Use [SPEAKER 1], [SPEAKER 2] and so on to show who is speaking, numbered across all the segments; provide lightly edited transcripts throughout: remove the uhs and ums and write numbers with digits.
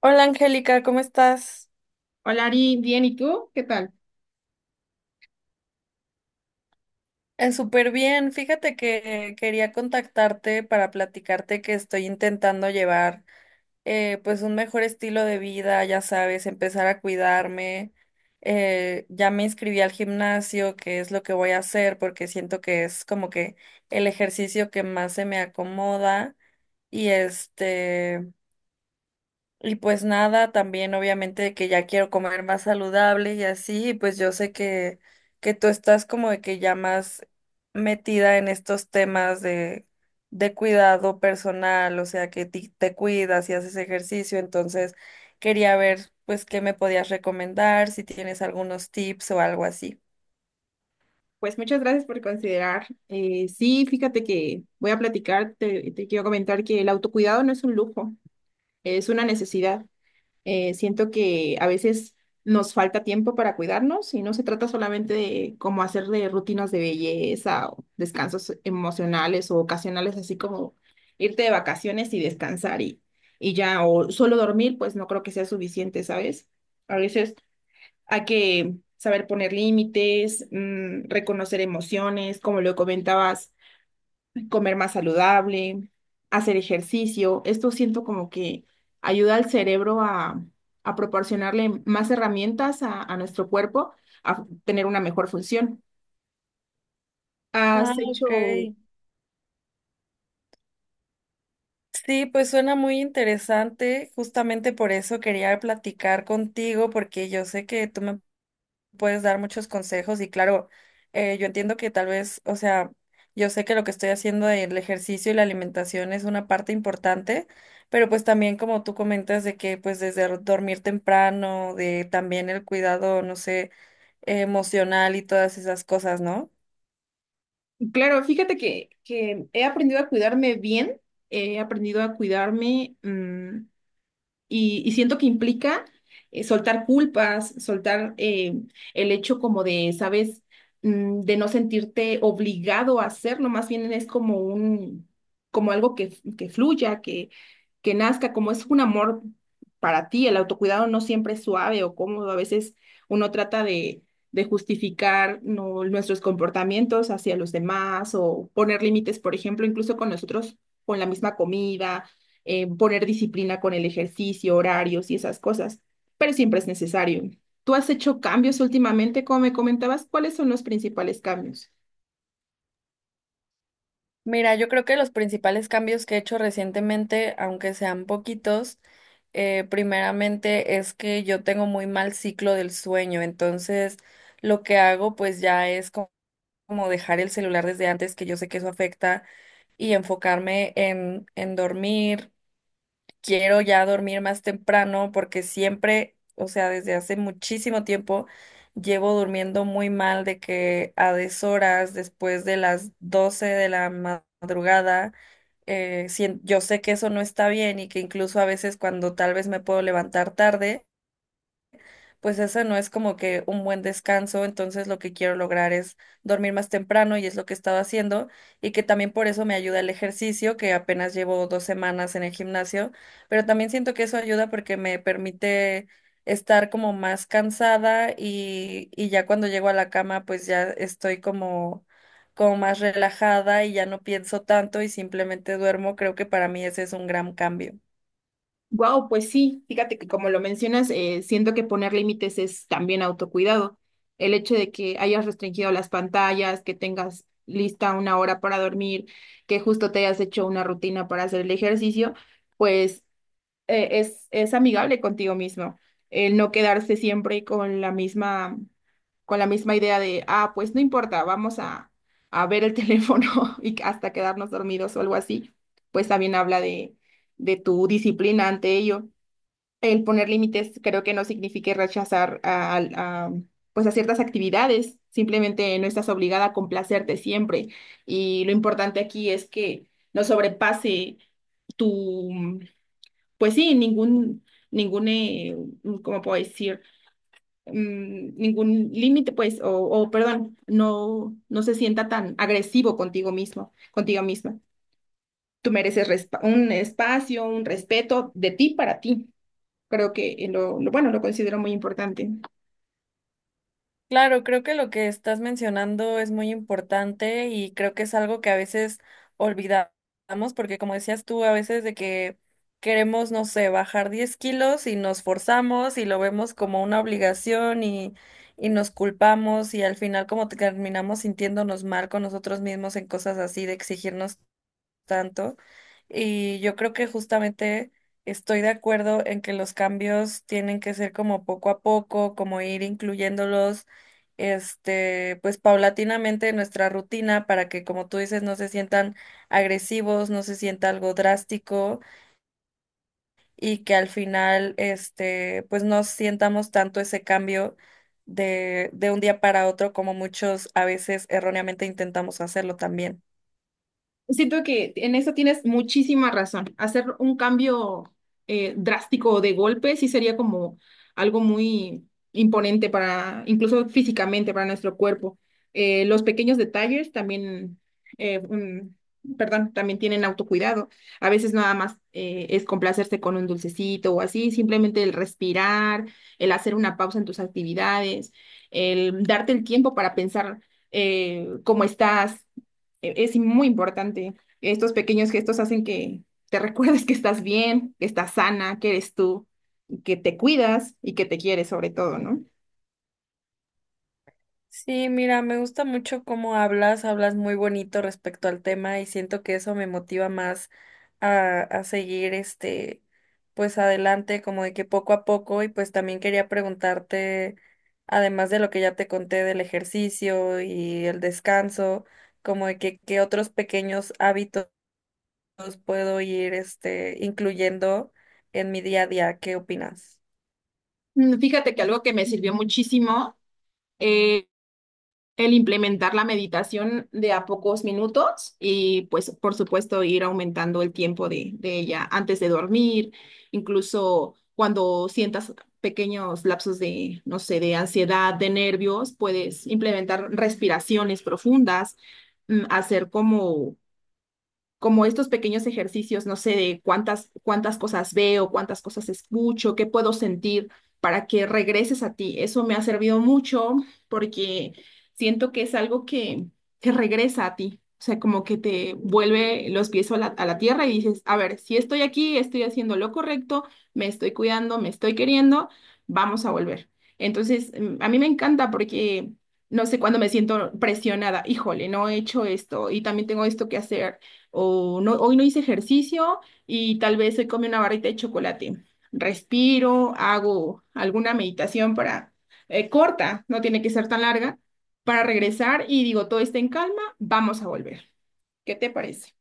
[SPEAKER 1] Hola Angélica, ¿cómo estás?
[SPEAKER 2] Hola Ari, bien, ¿y tú? ¿Qué tal?
[SPEAKER 1] Súper bien. Fíjate que quería contactarte para platicarte que estoy intentando llevar pues un mejor estilo de vida, ya sabes, empezar a cuidarme. Ya me inscribí al gimnasio, que es lo que voy a hacer porque siento que es como que el ejercicio que más se me acomoda y este. Y pues nada, también obviamente que ya quiero comer más saludable y así, y pues yo sé que tú estás como de que ya más metida en estos temas de cuidado personal, o sea que te cuidas y haces ejercicio, entonces quería ver pues qué me podías recomendar, si tienes algunos tips o algo así.
[SPEAKER 2] Pues muchas gracias por considerar. Sí, fíjate que voy a platicar, te quiero comentar que el autocuidado no es un lujo, es una necesidad. Siento que a veces nos falta tiempo para cuidarnos y no se trata solamente de cómo hacer de rutinas de belleza o descansos emocionales o ocasionales, así como irte de vacaciones y descansar y ya, o solo dormir, pues no creo que sea suficiente, ¿sabes? A veces hay que saber poner límites, reconocer emociones, como lo comentabas, comer más saludable, hacer ejercicio. Esto siento como que ayuda al cerebro a proporcionarle más herramientas a nuestro cuerpo a tener una mejor función.
[SPEAKER 1] Ah,
[SPEAKER 2] Has
[SPEAKER 1] ok.
[SPEAKER 2] hecho,
[SPEAKER 1] Sí, pues suena muy interesante. Justamente por eso quería platicar contigo, porque yo sé que tú me puedes dar muchos consejos y claro, yo entiendo que tal vez, o sea, yo sé que lo que estoy haciendo del ejercicio y la alimentación es una parte importante, pero pues también como tú comentas de que pues desde dormir temprano, de también el cuidado, no sé, emocional y todas esas cosas, ¿no?
[SPEAKER 2] claro, fíjate que he aprendido a cuidarme bien, he aprendido a cuidarme. Y siento que implica soltar culpas, soltar el hecho como de, ¿sabes? De no sentirte obligado a hacerlo, más bien es como como algo que fluya, que nazca, como es un amor para ti. El autocuidado no siempre es suave o cómodo, a veces uno trata de justificar no, nuestros comportamientos hacia los demás o poner límites, por ejemplo, incluso con nosotros, con la misma comida, poner disciplina con el ejercicio, horarios y esas cosas, pero siempre es necesario. ¿Tú has hecho cambios últimamente, como me comentabas? ¿Cuáles son los principales cambios?
[SPEAKER 1] Mira, yo creo que los principales cambios que he hecho recientemente, aunque sean poquitos, primeramente es que yo tengo muy mal ciclo del sueño, entonces lo que hago pues ya es como como dejar el celular desde antes, que yo sé que eso afecta, y enfocarme en dormir. Quiero ya dormir más temprano porque siempre, o sea, desde hace muchísimo tiempo llevo durmiendo muy mal de que a deshoras, después de las 12 de la madrugada, yo sé que eso no está bien y que incluso a veces cuando tal vez me puedo levantar tarde, pues esa no es como que un buen descanso, entonces lo que quiero lograr es dormir más temprano y es lo que he estado haciendo y que también por eso me ayuda el ejercicio, que apenas llevo 2 semanas en el gimnasio, pero también siento que eso ayuda porque me permite estar como más cansada y ya cuando llego a la cama pues ya estoy como, como más relajada y ya no pienso tanto y simplemente duermo, creo que para mí ese es un gran cambio.
[SPEAKER 2] Wow, pues sí, fíjate que como lo mencionas, siento que poner límites es también autocuidado. El hecho de que hayas restringido las pantallas, que tengas lista una hora para dormir, que justo te hayas hecho una rutina para hacer el ejercicio, pues es amigable contigo mismo. El no quedarse siempre con la misma, con la misma idea de, ah, pues no importa, vamos a ver el teléfono y hasta quedarnos dormidos o algo así, pues también habla de tu disciplina ante ello. El poner límites creo que no significa rechazar pues a ciertas actividades, simplemente no estás obligada a complacerte siempre. Y lo importante aquí es que no sobrepase tu, pues sí, ningún, ¿cómo puedo decir? Ningún límite, pues, o, perdón, no se sienta tan agresivo contigo mismo, contigo misma. Tú mereces un espacio, un respeto de ti para ti. Creo que bueno, lo considero muy importante.
[SPEAKER 1] Claro, creo que lo que estás mencionando es muy importante y creo que es algo que a veces olvidamos, porque como decías tú, a veces de que queremos, no sé, bajar 10 kilos y nos forzamos y lo vemos como una obligación y nos culpamos y al final como terminamos sintiéndonos mal con nosotros mismos en cosas así de exigirnos tanto. Y yo creo que justamente estoy de acuerdo en que los cambios tienen que ser como poco a poco, como ir incluyéndolos, este, pues paulatinamente en nuestra rutina para que, como tú dices, no se sientan agresivos, no se sienta algo drástico y que al final, este, pues no sientamos tanto ese cambio de un día para otro como muchos a veces erróneamente intentamos hacerlo también.
[SPEAKER 2] Siento que en eso tienes muchísima razón. Hacer un cambio drástico de golpe sí sería como algo muy imponente para, incluso físicamente, para nuestro cuerpo. Los pequeños detalles también, perdón, también tienen autocuidado. A veces nada más es complacerse con un dulcecito o así, simplemente el respirar, el hacer una pausa en tus actividades, el darte el tiempo para pensar cómo estás. Es muy importante. Estos pequeños gestos hacen que te recuerdes que estás bien, que estás sana, que eres tú, y que te cuidas y que te quieres sobre todo, ¿no?
[SPEAKER 1] Sí, mira, me gusta mucho cómo hablas, hablas muy bonito respecto al tema y siento que eso me motiva más a seguir este, pues adelante, como de que poco a poco y pues también quería preguntarte, además de lo que ya te conté del ejercicio y el descanso, como de que qué otros pequeños hábitos puedo ir este, incluyendo en mi día a día, ¿qué opinas?
[SPEAKER 2] Fíjate que algo que me sirvió muchísimo el implementar la meditación de a pocos minutos y pues por supuesto ir aumentando el tiempo de ella antes de dormir, incluso cuando sientas pequeños lapsos de, no sé, de ansiedad, de nervios, puedes implementar respiraciones profundas, hacer como, como estos pequeños ejercicios, no sé, de cuántas cosas veo, cuántas cosas escucho, qué puedo sentir para que regreses a ti. Eso me ha servido mucho porque siento que es algo que regresa a ti. O sea, como que te vuelve los pies a la tierra y dices, a ver, si estoy aquí, estoy haciendo lo correcto, me estoy cuidando, me estoy queriendo, vamos a volver. Entonces, a mí me encanta porque, no sé, cuando me siento presionada, híjole, no he hecho esto y también tengo esto que hacer o no, hoy no hice ejercicio y tal vez hoy comí una barrita de chocolate. Respiro, hago alguna meditación para corta, no tiene que ser tan larga, para regresar y digo, todo está en calma, vamos a volver. ¿Qué te parece?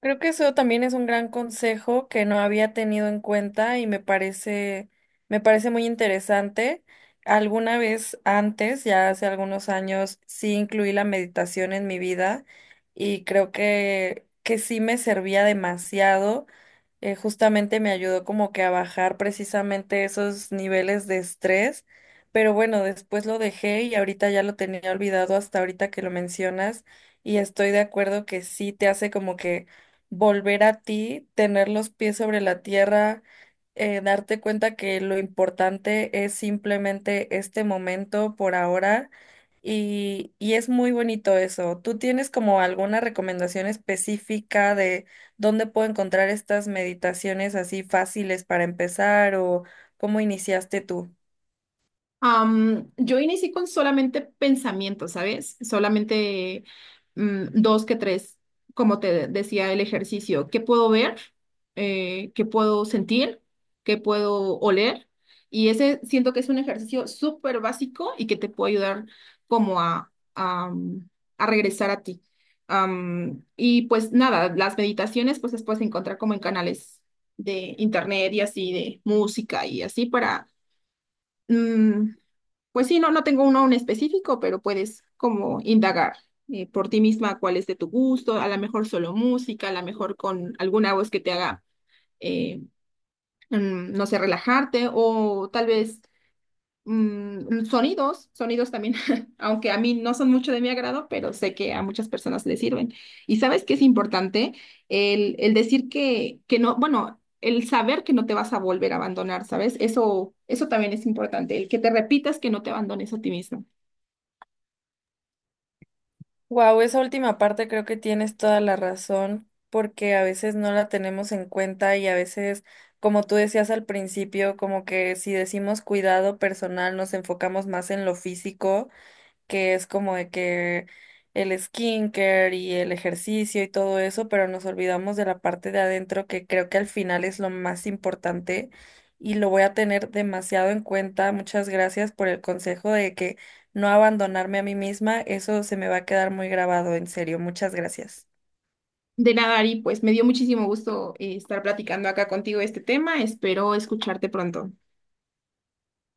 [SPEAKER 1] Creo que eso también es un gran consejo que no había tenido en cuenta y me parece muy interesante. Alguna vez antes, ya hace algunos años, sí incluí la meditación en mi vida y creo que sí me servía demasiado. Justamente me ayudó como que a bajar precisamente esos niveles de estrés, pero bueno, después lo dejé y ahorita ya lo tenía olvidado hasta ahorita que lo mencionas y estoy de acuerdo que sí te hace como que volver a ti, tener los pies sobre la tierra, darte cuenta que lo importante es simplemente este momento por ahora y es muy bonito eso. ¿Tú tienes como alguna recomendación específica de dónde puedo encontrar estas meditaciones así fáciles para empezar o cómo iniciaste tú?
[SPEAKER 2] Yo inicié con solamente pensamientos, ¿sabes? Solamente dos que tres, como te decía el ejercicio, ¿qué puedo ver? ¿Qué puedo sentir? ¿Qué puedo oler? Y ese siento que es un ejercicio súper básico y que te puede ayudar como a regresar a ti. Y pues nada, las meditaciones pues las puedes encontrar como en canales de internet y así, de música y así para... mm, pues sí, no, no tengo uno en específico, pero puedes como indagar por ti misma cuál es de tu gusto, a lo mejor solo música, a lo mejor con alguna voz que te haga, eh, no sé, relajarte o tal vez sonidos, sonidos también, aunque a mí no son mucho de mi agrado, pero sé que a muchas personas les sirven. Y sabes que es importante el decir que no, bueno. El saber que no te vas a volver a abandonar, ¿sabes? Eso también es importante, el que te repitas que no te abandones a ti misma.
[SPEAKER 1] Wow, esa última parte creo que tienes toda la razón, porque a veces no la tenemos en cuenta y a veces, como tú decías al principio, como que si decimos cuidado personal, nos enfocamos más en lo físico que es como de que el skincare y el ejercicio y todo eso, pero nos olvidamos de la parte de adentro que creo que al final es lo más importante y lo voy a tener demasiado en cuenta. Muchas gracias por el consejo de que no abandonarme a mí misma, eso se me va a quedar muy grabado, en serio. Muchas gracias.
[SPEAKER 2] De nada, Ari, pues me dio muchísimo gusto estar platicando acá contigo de este tema. Espero escucharte pronto.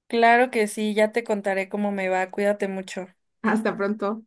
[SPEAKER 1] Claro que sí, ya te contaré cómo me va. Cuídate mucho.
[SPEAKER 2] Hasta pronto.